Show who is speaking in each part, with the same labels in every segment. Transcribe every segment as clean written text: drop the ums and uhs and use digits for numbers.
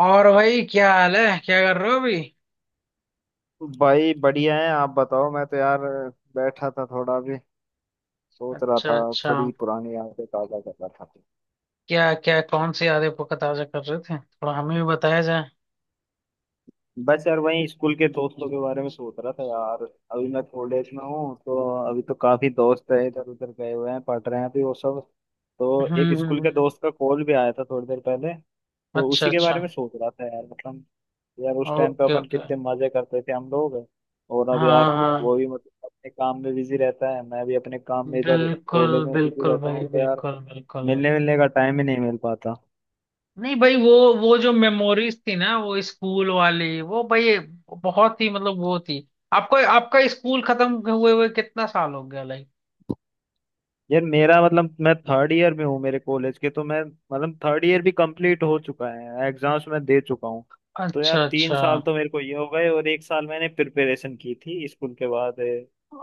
Speaker 1: और भाई, क्या हाल है? क्या कर रहे हो अभी?
Speaker 2: भाई बढ़िया है। आप बताओ। मैं तो यार बैठा था थोड़ा भी सोच रहा
Speaker 1: अच्छा,
Speaker 2: था।
Speaker 1: अच्छा।
Speaker 2: थोड़ी पुरानी यादें ताजा कर रहा था।
Speaker 1: क्या क्या कौन सी यादें को ताजा कर रहे थे? थोड़ा हमें भी बताया जाए।
Speaker 2: बस यार वही स्कूल के दोस्तों के बारे में सोच रहा था यार। अभी मैं कॉलेज में हूँ, तो अभी तो काफी दोस्त है इधर उधर गए हुए हैं, पढ़ रहे हैं अभी वो सब। तो
Speaker 1: हम्म,
Speaker 2: एक स्कूल के दोस्त का कॉल भी आया था थोड़ी देर पहले, तो
Speaker 1: अच्छा,
Speaker 2: उसी के
Speaker 1: अच्छा।
Speaker 2: बारे में सोच रहा था यार, मतलब। यार उस टाइम पे
Speaker 1: ओके,
Speaker 2: अपन
Speaker 1: ओके।
Speaker 2: कितने मजे करते थे हम लोग। और अब
Speaker 1: हाँ,
Speaker 2: यार
Speaker 1: हाँ।
Speaker 2: वो भी मतलब अपने काम में बिजी रहता है, मैं भी अपने काम में इधर कॉलेज
Speaker 1: बिल्कुल,
Speaker 2: में बिजी
Speaker 1: बिल्कुल
Speaker 2: रहता हूँ,
Speaker 1: भाई,
Speaker 2: तो यार
Speaker 1: बिल्कुल बिल्कुल।
Speaker 2: मिलने मिलने का टाइम ही नहीं मिल पाता।
Speaker 1: नहीं भाई, वो जो मेमोरीज थी ना, वो स्कूल वाली, वो भाई बहुत ही मतलब वो थी। आपको आपका स्कूल खत्म हुए हुए कितना साल हो गया, लाइक?
Speaker 2: यार मेरा मतलब मैं थर्ड ईयर में हूँ मेरे कॉलेज के, तो मैं मतलब थर्ड ईयर भी कंप्लीट हो चुका है, एग्जाम्स मैं दे चुका हूँ। तो यार
Speaker 1: अच्छा,
Speaker 2: तीन
Speaker 1: अच्छा,
Speaker 2: साल तो मेरे को ये हो गए, और एक साल मैंने प्रिपरेशन की थी स्कूल के बाद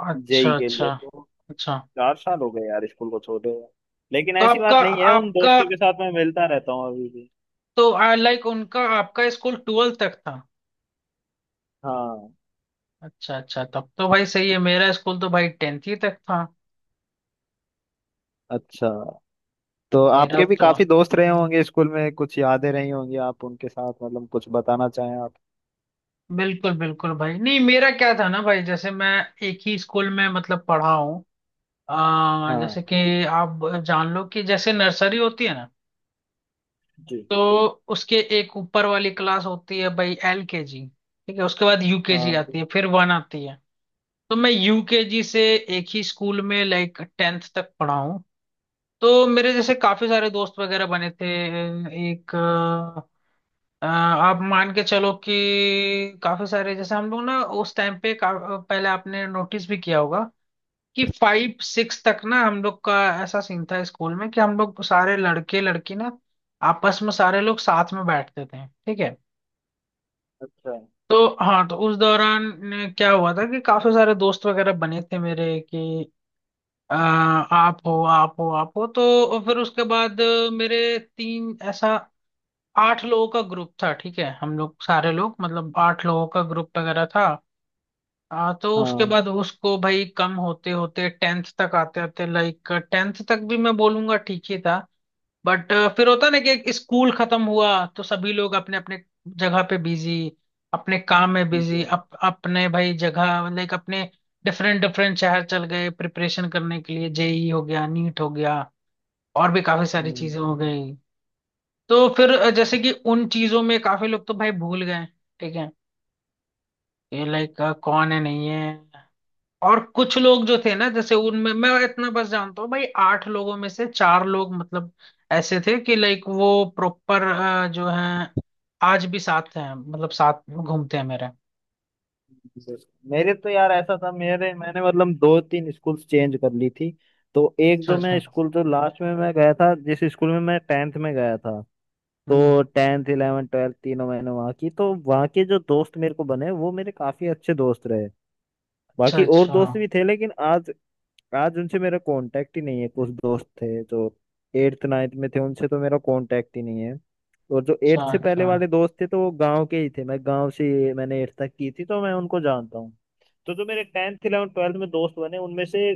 Speaker 1: अच्छा,
Speaker 2: जेई के
Speaker 1: अच्छा,
Speaker 2: लिए। तो
Speaker 1: अच्छा।
Speaker 2: 4 साल हो गए यार स्कूल को छोड़े हुए। लेकिन
Speaker 1: तो
Speaker 2: ऐसी
Speaker 1: आपका
Speaker 2: बात नहीं है, उन
Speaker 1: आपका
Speaker 2: दोस्तों के साथ मैं मिलता रहता हूँ अभी भी।
Speaker 1: तो लाइक उनका आपका स्कूल ट्वेल्थ तक था?
Speaker 2: हाँ।
Speaker 1: अच्छा, अच्छा। तब तो भाई सही है। मेरा स्कूल तो भाई टेंथ ही तक था।
Speaker 2: अच्छा। तो
Speaker 1: मेरा
Speaker 2: आपके भी
Speaker 1: तो
Speaker 2: काफी दोस्त रहे होंगे स्कूल में, कुछ यादें रही होंगी आप उनके साथ, मतलब कुछ बताना चाहें आप।
Speaker 1: बिल्कुल बिल्कुल भाई, नहीं, मेरा क्या था ना भाई, जैसे मैं एक ही स्कूल में मतलब पढ़ा हूँ। जैसे
Speaker 2: हाँ।
Speaker 1: कि आप जान लो कि जैसे नर्सरी होती है ना,
Speaker 2: जी।
Speaker 1: तो उसके एक ऊपर वाली क्लास होती है भाई एल के जी, ठीक है। उसके बाद यूकेजी
Speaker 2: हाँ।
Speaker 1: आती है, फिर वन आती है। तो मैं यूकेजी से एक ही स्कूल में लाइक टेंथ तक पढ़ा हूँ। तो मेरे जैसे काफी सारे दोस्त वगैरह बने थे। एक आप मान के चलो कि काफी सारे, जैसे हम लोग ना उस टाइम पे पहले आपने नोटिस भी किया होगा कि फाइव सिक्स तक ना हम लोग का ऐसा सीन था स्कूल में कि हम लोग सारे लड़के लड़की ना, आपस में सारे लोग साथ में बैठते थे, ठीक है।
Speaker 2: अच्छा।
Speaker 1: तो हाँ, तो उस दौरान क्या हुआ था कि काफी सारे दोस्त वगैरह बने थे मेरे कि आप हो, आप हो, आप हो। तो फिर उसके बाद मेरे तीन ऐसा आठ लोगों का ग्रुप था, ठीक है। हम लोग सारे लोग मतलब आठ लोगों का ग्रुप वगैरह था। तो उसके
Speaker 2: हाँ।
Speaker 1: बाद उसको भाई कम होते होते टेंथ तक आते आते, लाइक टेंथ तक भी मैं बोलूंगा ठीक ही था। बट फिर होता ना कि एक स्कूल खत्म हुआ तो सभी लोग अपने अपने जगह पे बिजी, अपने काम में
Speaker 2: जी।
Speaker 1: बिजी, अपने भाई जगह, लाइक अपने डिफरेंट डिफरेंट शहर चल गए प्रिपरेशन करने के लिए, जेई हो गया, नीट हो गया, और भी काफी सारी
Speaker 2: हम्म।
Speaker 1: चीजें हो गई। तो फिर जैसे कि उन चीजों में काफी लोग तो भाई भूल गए, ठीक है, ये लाइक कौन है नहीं है। और कुछ लोग जो थे ना, जैसे उनमें मैं इतना बस जानता हूँ भाई, आठ लोगों में से चार लोग मतलब ऐसे थे कि लाइक वो प्रॉपर जो हैं आज भी साथ हैं, मतलब साथ घूमते हैं मेरे।
Speaker 2: जी। मेरे तो यार ऐसा था, मेरे मैंने मतलब दो तीन स्कूल्स चेंज कर ली थी। तो एक
Speaker 1: अच्छा,
Speaker 2: जो मैं
Speaker 1: अच्छा।
Speaker 2: स्कूल जो लास्ट में मैं गया था, जिस स्कूल में मैं 10th में गया था,
Speaker 1: हम्म।
Speaker 2: तो 10th 11 12th तीनों मैंने वहाँ की, तो वहाँ के जो दोस्त मेरे को बने वो मेरे काफी अच्छे दोस्त रहे।
Speaker 1: अच्छा,
Speaker 2: बाकी और
Speaker 1: अच्छा।
Speaker 2: दोस्त भी थे लेकिन आज आज उनसे मेरा कांटेक्ट ही नहीं है। कुछ दोस्त थे जो एट्थ नाइन्थ में थे, उनसे तो मेरा कांटेक्ट ही नहीं है। और जो
Speaker 1: अच्छा,
Speaker 2: एट्थ से पहले
Speaker 1: अच्छा।
Speaker 2: वाले दोस्त थे तो वो गांव के ही थे, मैं गांव से मैंने एट्थ तक की थी तो मैं उनको जानता हूँ। तो जो मेरे 10th 11 12th में दोस्त बने उनमें से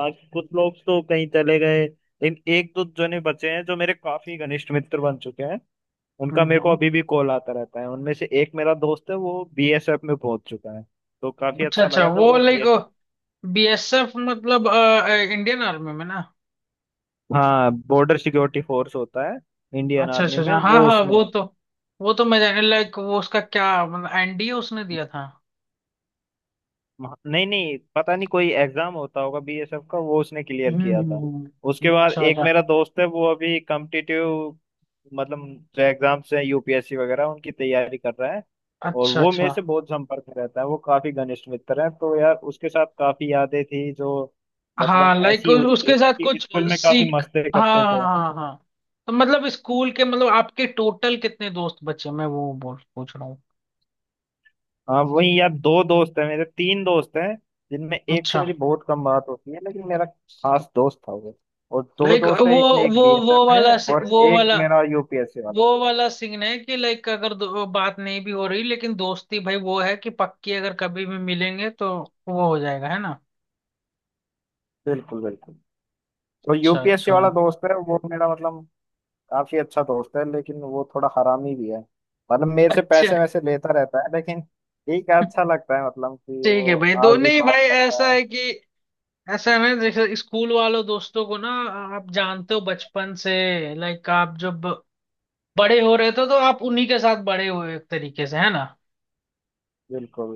Speaker 2: बाकी कुछ लोग तो कहीं चले गए, लेकिन एक दो जने बचे हैं जो मेरे काफी घनिष्ठ मित्र बन चुके हैं। उनका
Speaker 1: हम्म,
Speaker 2: मेरे को अभी भी कॉल आता रहता है। उनमें से एक मेरा दोस्त है, वो बीएसएफ में पहुंच चुका है। तो काफी
Speaker 1: अच्छा,
Speaker 2: अच्छा
Speaker 1: अच्छा,
Speaker 2: लगा जब
Speaker 1: वो
Speaker 2: वो।
Speaker 1: लाइक बीएसएफ मतलब इंडियन आर्मी में ना?
Speaker 2: हाँ, बॉर्डर सिक्योरिटी फोर्स होता है। इंडियन
Speaker 1: अच्छा,
Speaker 2: आर्मी
Speaker 1: अच्छा,
Speaker 2: में
Speaker 1: अच्छा, हाँ,
Speaker 2: वो
Speaker 1: हाँ।
Speaker 2: उसमें
Speaker 1: वो
Speaker 2: है।
Speaker 1: तो वो तो मैं जाने, लाइक वो उसका क्या मतलब, एनडीए उसने दिया था?
Speaker 2: नहीं नहीं, पता नहीं कोई एग्जाम होता होगा बीएसएफ का, वो उसने क्लियर
Speaker 1: हम्म,
Speaker 2: किया था। उसके बाद
Speaker 1: अच्छा,
Speaker 2: एक
Speaker 1: अच्छा,
Speaker 2: मेरा दोस्त है वो अभी कॉम्पिटिटिव, मतलब जो एग्जाम्स हैं यूपीएससी वगैरह उनकी तैयारी कर रहा है। और
Speaker 1: अच्छा,
Speaker 2: वो मेरे
Speaker 1: अच्छा।
Speaker 2: से बहुत संपर्क में रहता है, वो काफी घनिष्ठ मित्र है। तो यार उसके साथ काफी यादें थी जो
Speaker 1: हाँ,
Speaker 2: मतलब
Speaker 1: लाइक
Speaker 2: ऐसी हुई
Speaker 1: उसके
Speaker 2: ना,
Speaker 1: साथ
Speaker 2: कि
Speaker 1: कुछ
Speaker 2: स्कूल में काफी
Speaker 1: सीख।
Speaker 2: मस्ती
Speaker 1: हाँ,
Speaker 2: करते
Speaker 1: हाँ,
Speaker 2: थे।
Speaker 1: हाँ, हाँ। हाँ। तो मतलब स्कूल के मतलब आपके टोटल कितने दोस्त बचे, मैं वो बोल पूछ रहा हूँ।
Speaker 2: हाँ वही यार, दो दोस्त है मेरे, तीन दोस्त हैं जिनमें एक से
Speaker 1: अच्छा।
Speaker 2: मेरी बहुत कम बात होती है लेकिन मेरा खास दोस्त था वो। और दो
Speaker 1: लाइक
Speaker 2: दोस्त है, इसमें एक बीएसएफ है और
Speaker 1: वो
Speaker 2: एक
Speaker 1: वाला,
Speaker 2: मेरा यूपीएससी वाला।
Speaker 1: वो वाला सीन है कि लाइक अगर बात नहीं भी हो रही लेकिन दोस्ती भाई वो है कि पक्की, अगर कभी भी मिलेंगे तो वो हो जाएगा, है ना?
Speaker 2: बिल्कुल बिल्कुल। तो
Speaker 1: अच्छा,
Speaker 2: यूपीएससी
Speaker 1: अच्छा।
Speaker 2: वाला दोस्त है वो मेरा, मतलब काफी अच्छा दोस्त है लेकिन वो थोड़ा हरामी भी है। मतलब मेरे से
Speaker 1: अच्छा।
Speaker 2: पैसे वैसे लेता रहता है लेकिन ठीक है, अच्छा लगता है, मतलब कि
Speaker 1: ठीक है
Speaker 2: वो
Speaker 1: भाई, दो
Speaker 2: आज भी
Speaker 1: नहीं
Speaker 2: बात
Speaker 1: भाई,
Speaker 2: करता है।
Speaker 1: ऐसा है ना, जैसे स्कूल वालों दोस्तों को ना, आप जानते हो बचपन से, लाइक आप जब बड़े हो रहे थे तो आप उन्हीं के साथ बड़े हुए, एक तरीके से, है ना?
Speaker 2: बिल्कुल।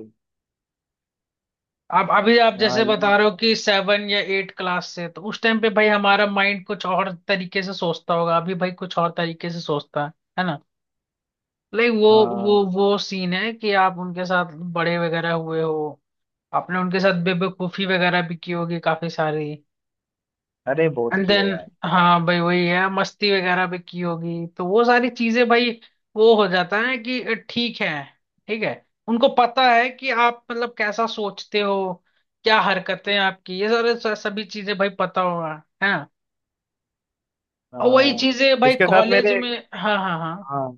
Speaker 1: आप अभी आप
Speaker 2: हाँ।
Speaker 1: जैसे
Speaker 2: ये
Speaker 1: बता रहे हो कि सेवन या एट क्लास से, तो उस टाइम पे भाई हमारा माइंड कुछ और तरीके से सोचता होगा, अभी भाई कुछ और तरीके से सोचता है ना? लाइक वो वो
Speaker 2: हाँ।
Speaker 1: वो सीन है कि आप उनके साथ बड़े वगैरह हुए हो, आपने उनके साथ बेवकूफी वगैरह भी की होगी काफी सारी।
Speaker 2: अरे बहुत
Speaker 1: एंड
Speaker 2: किया
Speaker 1: देन,
Speaker 2: यार।
Speaker 1: हाँ भाई वही है, मस्ती वगैरह भी की होगी, तो वो सारी चीजें भाई वो हो जाता है कि ठीक है, ठीक है, उनको पता है कि आप मतलब कैसा सोचते हो, क्या हरकतें हैं आपकी, ये सारे सभी चीजें भाई पता होगा, है ना? और वही
Speaker 2: हाँ।
Speaker 1: चीजें भाई
Speaker 2: इसके साथ
Speaker 1: कॉलेज
Speaker 2: मेरे।
Speaker 1: में, हाँ, हाँ, हाँ,
Speaker 2: हाँ।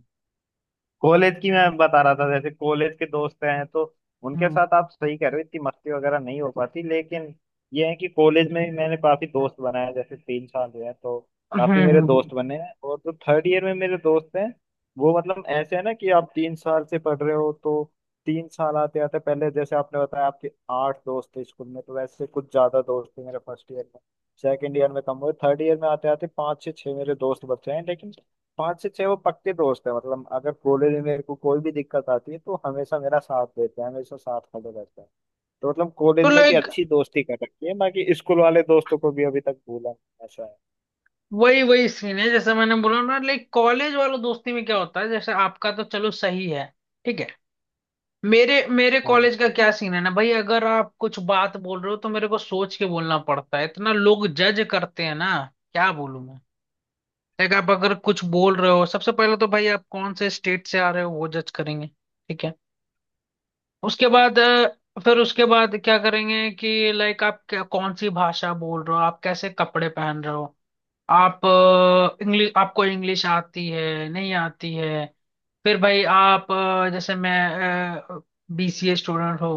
Speaker 2: कॉलेज की मैं बता रहा था, जैसे कॉलेज के दोस्त हैं तो उनके
Speaker 1: हम्म,
Speaker 2: साथ आप सही कह रहे हो, इतनी मस्ती वगैरह नहीं हो पाती, लेकिन ये है कि कॉलेज में भी मैंने काफी दोस्त बनाए हैं, जैसे 3 साल हुए हैं तो
Speaker 1: हम्म,
Speaker 2: काफी मेरे दोस्त बने हैं। और जो थर्ड ईयर में मेरे दोस्त हैं वो मतलब ऐसे है ना, कि आप 3 साल से पढ़ रहे हो तो 3 साल आते आते पहले जैसे आपने बताया आपके आठ दोस्त थे स्कूल में, तो वैसे कुछ ज्यादा दोस्त थे मेरे फर्स्ट ईयर में, सेकेंड ईयर में कम हुए, थर्ड ईयर में आते आते पाँच से छह मेरे दोस्त बचे हैं। लेकिन पांच से छह वो पक्के दोस्त है, मतलब अगर कॉलेज में मेरे को कोई भी दिक्कत आती है तो हमेशा मेरा साथ देते हैं, हमेशा साथ खड़े रहते हैं। तो मतलब
Speaker 1: तो
Speaker 2: कॉलेज में भी
Speaker 1: लाइक
Speaker 2: अच्छी दोस्ती कर रखी है, बाकी स्कूल वाले दोस्तों को भी अभी तक भूला नहीं, ऐसा है।
Speaker 1: वही वही सीन है जैसे मैंने बोला ना, लाइक कॉलेज वालों दोस्ती में क्या होता है, जैसे आपका तो चलो सही है, ठीक है। मेरे मेरे
Speaker 2: हाँ
Speaker 1: कॉलेज का क्या सीन है ना भाई, अगर आप कुछ बात बोल रहे हो तो मेरे को सोच के बोलना पड़ता है, इतना लोग जज करते हैं ना। क्या बोलूं मैं? देख, आप अगर कुछ बोल रहे हो, सबसे पहले तो भाई आप कौन से स्टेट से आ रहे हो वो जज करेंगे, ठीक है। उसके बाद फिर उसके बाद क्या करेंगे कि लाइक आप क्या कौन सी भाषा बोल रहे हो, आप कैसे कपड़े पहन रहे हो, आप इंग्लिश, आपको इंग्लिश आती है नहीं आती है। फिर भाई आप जैसे मैं बीसीए स्टूडेंट हो,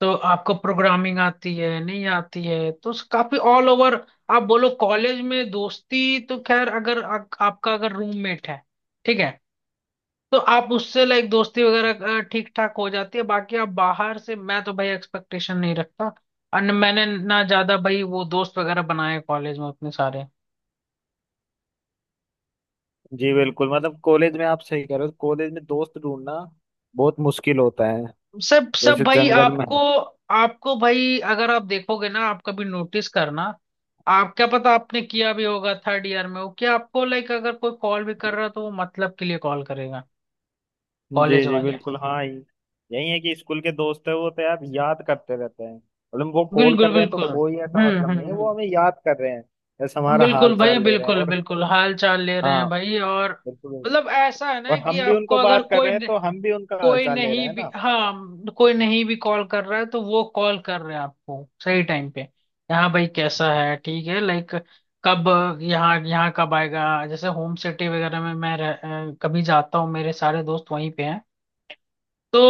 Speaker 1: तो आपको प्रोग्रामिंग आती है नहीं आती है, तो काफी ऑल ओवर। आप बोलो कॉलेज में दोस्ती, तो खैर अगर आपका अगर रूममेट है, ठीक है, तो आप उससे लाइक दोस्ती वगैरह ठीक ठाक हो जाती है, बाकी आप बाहर से मैं तो भाई एक्सपेक्टेशन नहीं रखता। और मैंने ना ज्यादा भाई वो दोस्त वगैरह बनाए कॉलेज में अपने सारे।
Speaker 2: जी बिल्कुल, मतलब कॉलेज में आप सही कह रहे हो, कॉलेज में दोस्त ढूंढना बहुत मुश्किल होता है,
Speaker 1: सब सब
Speaker 2: जैसे
Speaker 1: भाई
Speaker 2: जंगल में।
Speaker 1: आपको, आपको भाई अगर आप देखोगे ना, आप कभी नोटिस करना, आप क्या पता आपने किया भी होगा, थर्ड ईयर में हो, कि आपको लाइक अगर कोई कॉल भी कर रहा है तो वो मतलब के लिए कॉल करेगा, कॉलेज
Speaker 2: जी जी
Speaker 1: वाले।
Speaker 2: बिल्कुल। हाँ, यही है कि स्कूल के दोस्त है वो तो यार याद करते रहते हैं, मतलब वो कॉल कर
Speaker 1: बिल्कुल,
Speaker 2: रहे हैं तो
Speaker 1: बिल्कुल,
Speaker 2: कोई ऐसा
Speaker 1: हम्म,
Speaker 2: मतलब
Speaker 1: हम्म,
Speaker 2: नहीं है,
Speaker 1: हम्म,
Speaker 2: वो हमें याद कर रहे हैं, जैसे हमारा हाल
Speaker 1: बिल्कुल भाई,
Speaker 2: चाल ले रहे हैं।
Speaker 1: बिल्कुल
Speaker 2: और
Speaker 1: बिल्कुल, हाल चाल ले रहे
Speaker 2: हाँ
Speaker 1: हैं भाई, और
Speaker 2: बिल्कुल,
Speaker 1: मतलब ऐसा है ना
Speaker 2: और
Speaker 1: कि
Speaker 2: हम भी
Speaker 1: आपको
Speaker 2: उनको
Speaker 1: अगर
Speaker 2: बात कर
Speaker 1: कोई,
Speaker 2: रहे हैं तो हम भी उनका
Speaker 1: कोई
Speaker 2: हालचाल ले रहे
Speaker 1: नहीं
Speaker 2: हैं
Speaker 1: भी,
Speaker 2: ना।
Speaker 1: हाँ कोई नहीं भी कॉल कर रहा है तो वो कॉल कर रहे हैं आपको सही टाइम पे, यहाँ भाई कैसा है, ठीक है, लाइक कब, यहाँ यहाँ कब आएगा, जैसे होम सिटी वगैरह में मैं कभी जाता हूँ, मेरे सारे दोस्त वहीं पे हैं, तो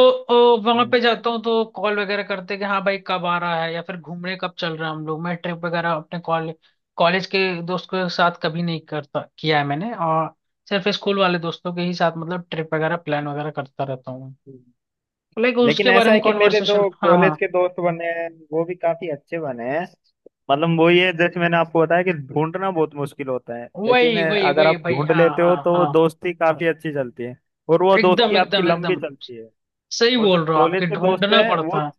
Speaker 1: वहां
Speaker 2: हम्म,
Speaker 1: पे जाता हूँ तो कॉल वगैरह करते हैं कि हाँ भाई कब आ रहा है, या फिर घूमने कब चल रहा है हम लोग। मैं ट्रिप वगैरह अपने कॉलेज के दोस्त के साथ कभी नहीं करता, किया है मैंने, और सिर्फ स्कूल वाले दोस्तों के ही साथ मतलब ट्रिप वगैरह प्लान वगैरह करता रहता हूँ, लाइक उसके
Speaker 2: लेकिन
Speaker 1: बारे
Speaker 2: ऐसा
Speaker 1: में
Speaker 2: है कि मेरे
Speaker 1: कॉन्वर्सेशन।
Speaker 2: जो
Speaker 1: हाँ, हाँ,
Speaker 2: कॉलेज के दोस्त बने हैं वो भी काफी अच्छे बने हैं। मतलब वो ये जैसे मैंने आपको बताया कि ढूंढना बहुत मुश्किल होता है, लेकिन
Speaker 1: वही वही
Speaker 2: अगर
Speaker 1: वही
Speaker 2: आप
Speaker 1: भाई,
Speaker 2: ढूंढ
Speaker 1: हाँ,
Speaker 2: लेते हो
Speaker 1: हाँ,
Speaker 2: तो वो
Speaker 1: हाँ,
Speaker 2: दोस्ती काफी अच्छी चलती है। और वो
Speaker 1: एकदम,
Speaker 2: दोस्ती आपकी
Speaker 1: एकदम,
Speaker 2: लंबी
Speaker 1: एकदम
Speaker 2: चलती है।
Speaker 1: सही
Speaker 2: और जो
Speaker 1: बोल रहे हो, आपके
Speaker 2: कॉलेज के दोस्त
Speaker 1: ढूंढना
Speaker 2: हैं वो।
Speaker 1: पड़ता है,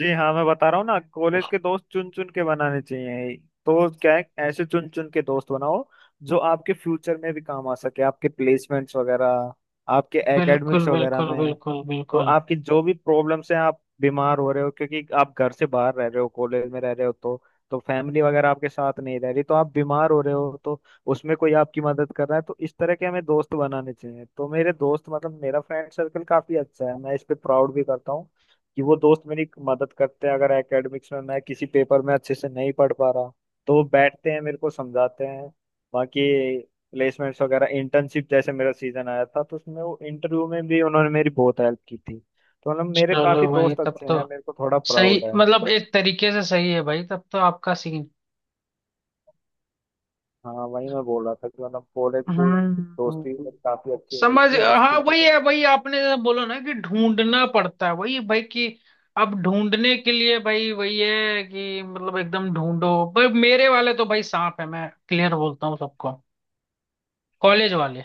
Speaker 2: जी हाँ मैं बता रहा हूँ ना, कॉलेज के दोस्त चुन चुन के बनाने चाहिए, तो क्या है ऐसे चुन चुन के दोस्त बनाओ जो आपके फ्यूचर में भी काम आ सके, आपके प्लेसमेंट्स वगैरह, आपके
Speaker 1: बिल्कुल,
Speaker 2: एकेडमिक्स वगैरह
Speaker 1: बिल्कुल,
Speaker 2: में।
Speaker 1: बिल्कुल,
Speaker 2: तो
Speaker 1: बिल्कुल।
Speaker 2: आपकी जो भी प्रॉब्लम्स हैं, आप बीमार हो रहे हो क्योंकि आप घर से बाहर रह रहे हो, कॉलेज में रह रहे हो, तो फैमिली वगैरह आपके साथ नहीं रह रही, तो आप बीमार हो रहे हो, तो उसमें कोई आपकी मदद कर रहा है, तो इस तरह के हमें दोस्त बनाने चाहिए। तो मेरे दोस्त मतलब मेरा फ्रेंड सर्कल काफी अच्छा है, मैं इस पे प्राउड भी करता हूँ कि वो दोस्त मेरी मदद करते हैं। अगर एकेडमिक्स में मैं किसी पेपर में अच्छे से नहीं पढ़ पा रहा तो वो बैठते हैं मेरे को समझाते हैं। बाकी प्लेसमेंट्स वगैरह, इंटर्नशिप जैसे मेरा सीजन आया था तो उसमें वो इंटरव्यू में भी उन्होंने मेरी बहुत हेल्प की थी। तो मतलब मेरे काफी
Speaker 1: चलो भाई
Speaker 2: दोस्त
Speaker 1: तब
Speaker 2: अच्छे
Speaker 1: तो
Speaker 2: हैं, मेरे को थोड़ा
Speaker 1: सही,
Speaker 2: प्राउड है।
Speaker 1: मतलब एक तरीके से सही है भाई तब तो आपका सीन,
Speaker 2: हाँ वही मैं बोल रहा था कि मतलब कॉलेज की दोस्ती
Speaker 1: हम्म,
Speaker 2: मतलब काफी अच्छी हो
Speaker 1: समझ,
Speaker 2: चुकी है,
Speaker 1: हाँ
Speaker 2: स्कूल की
Speaker 1: वही
Speaker 2: तो।
Speaker 1: है, वही आपने जैसा बोला ना कि ढूंढना पड़ता है, वही भाई कि अब ढूंढने के लिए भाई वही है कि मतलब एकदम ढूंढो, पर मेरे वाले तो भाई सांप है, मैं क्लियर बोलता हूँ सबको, कॉलेज वाले।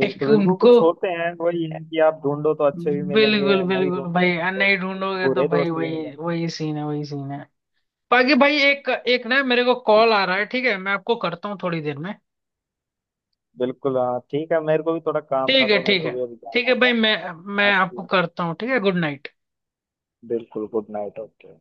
Speaker 2: बिल्कुल,
Speaker 1: उनको
Speaker 2: कुछ होते हैं, वही है कि आप ढूंढो तो अच्छे भी मिलेंगे,
Speaker 1: बिल्कुल,
Speaker 2: नहीं
Speaker 1: बिल्कुल भाई,
Speaker 2: ढूंढो तो
Speaker 1: नहीं ढूंढोगे तो
Speaker 2: बुरे
Speaker 1: भाई
Speaker 2: दोस्त भी
Speaker 1: वही
Speaker 2: मिलेंगे।
Speaker 1: वही सीन है, वही सीन है। बाकी भाई, एक एक ना मेरे को कॉल आ रहा है, ठीक है, मैं आपको करता हूँ थोड़ी देर में।
Speaker 2: बिल्कुल। हाँ ठीक है, मेरे को भी थोड़ा काम था
Speaker 1: ठीक है,
Speaker 2: तो मेरे
Speaker 1: ठीक
Speaker 2: को
Speaker 1: है।
Speaker 2: भी अभी
Speaker 1: ठीक
Speaker 2: जाना
Speaker 1: है भाई,
Speaker 2: होगा।
Speaker 1: मैं
Speaker 2: हाँ
Speaker 1: आपको
Speaker 2: ठीक।
Speaker 1: करता हूँ, ठीक है। Good night.
Speaker 2: बिल्कुल, गुड नाइट। ओके।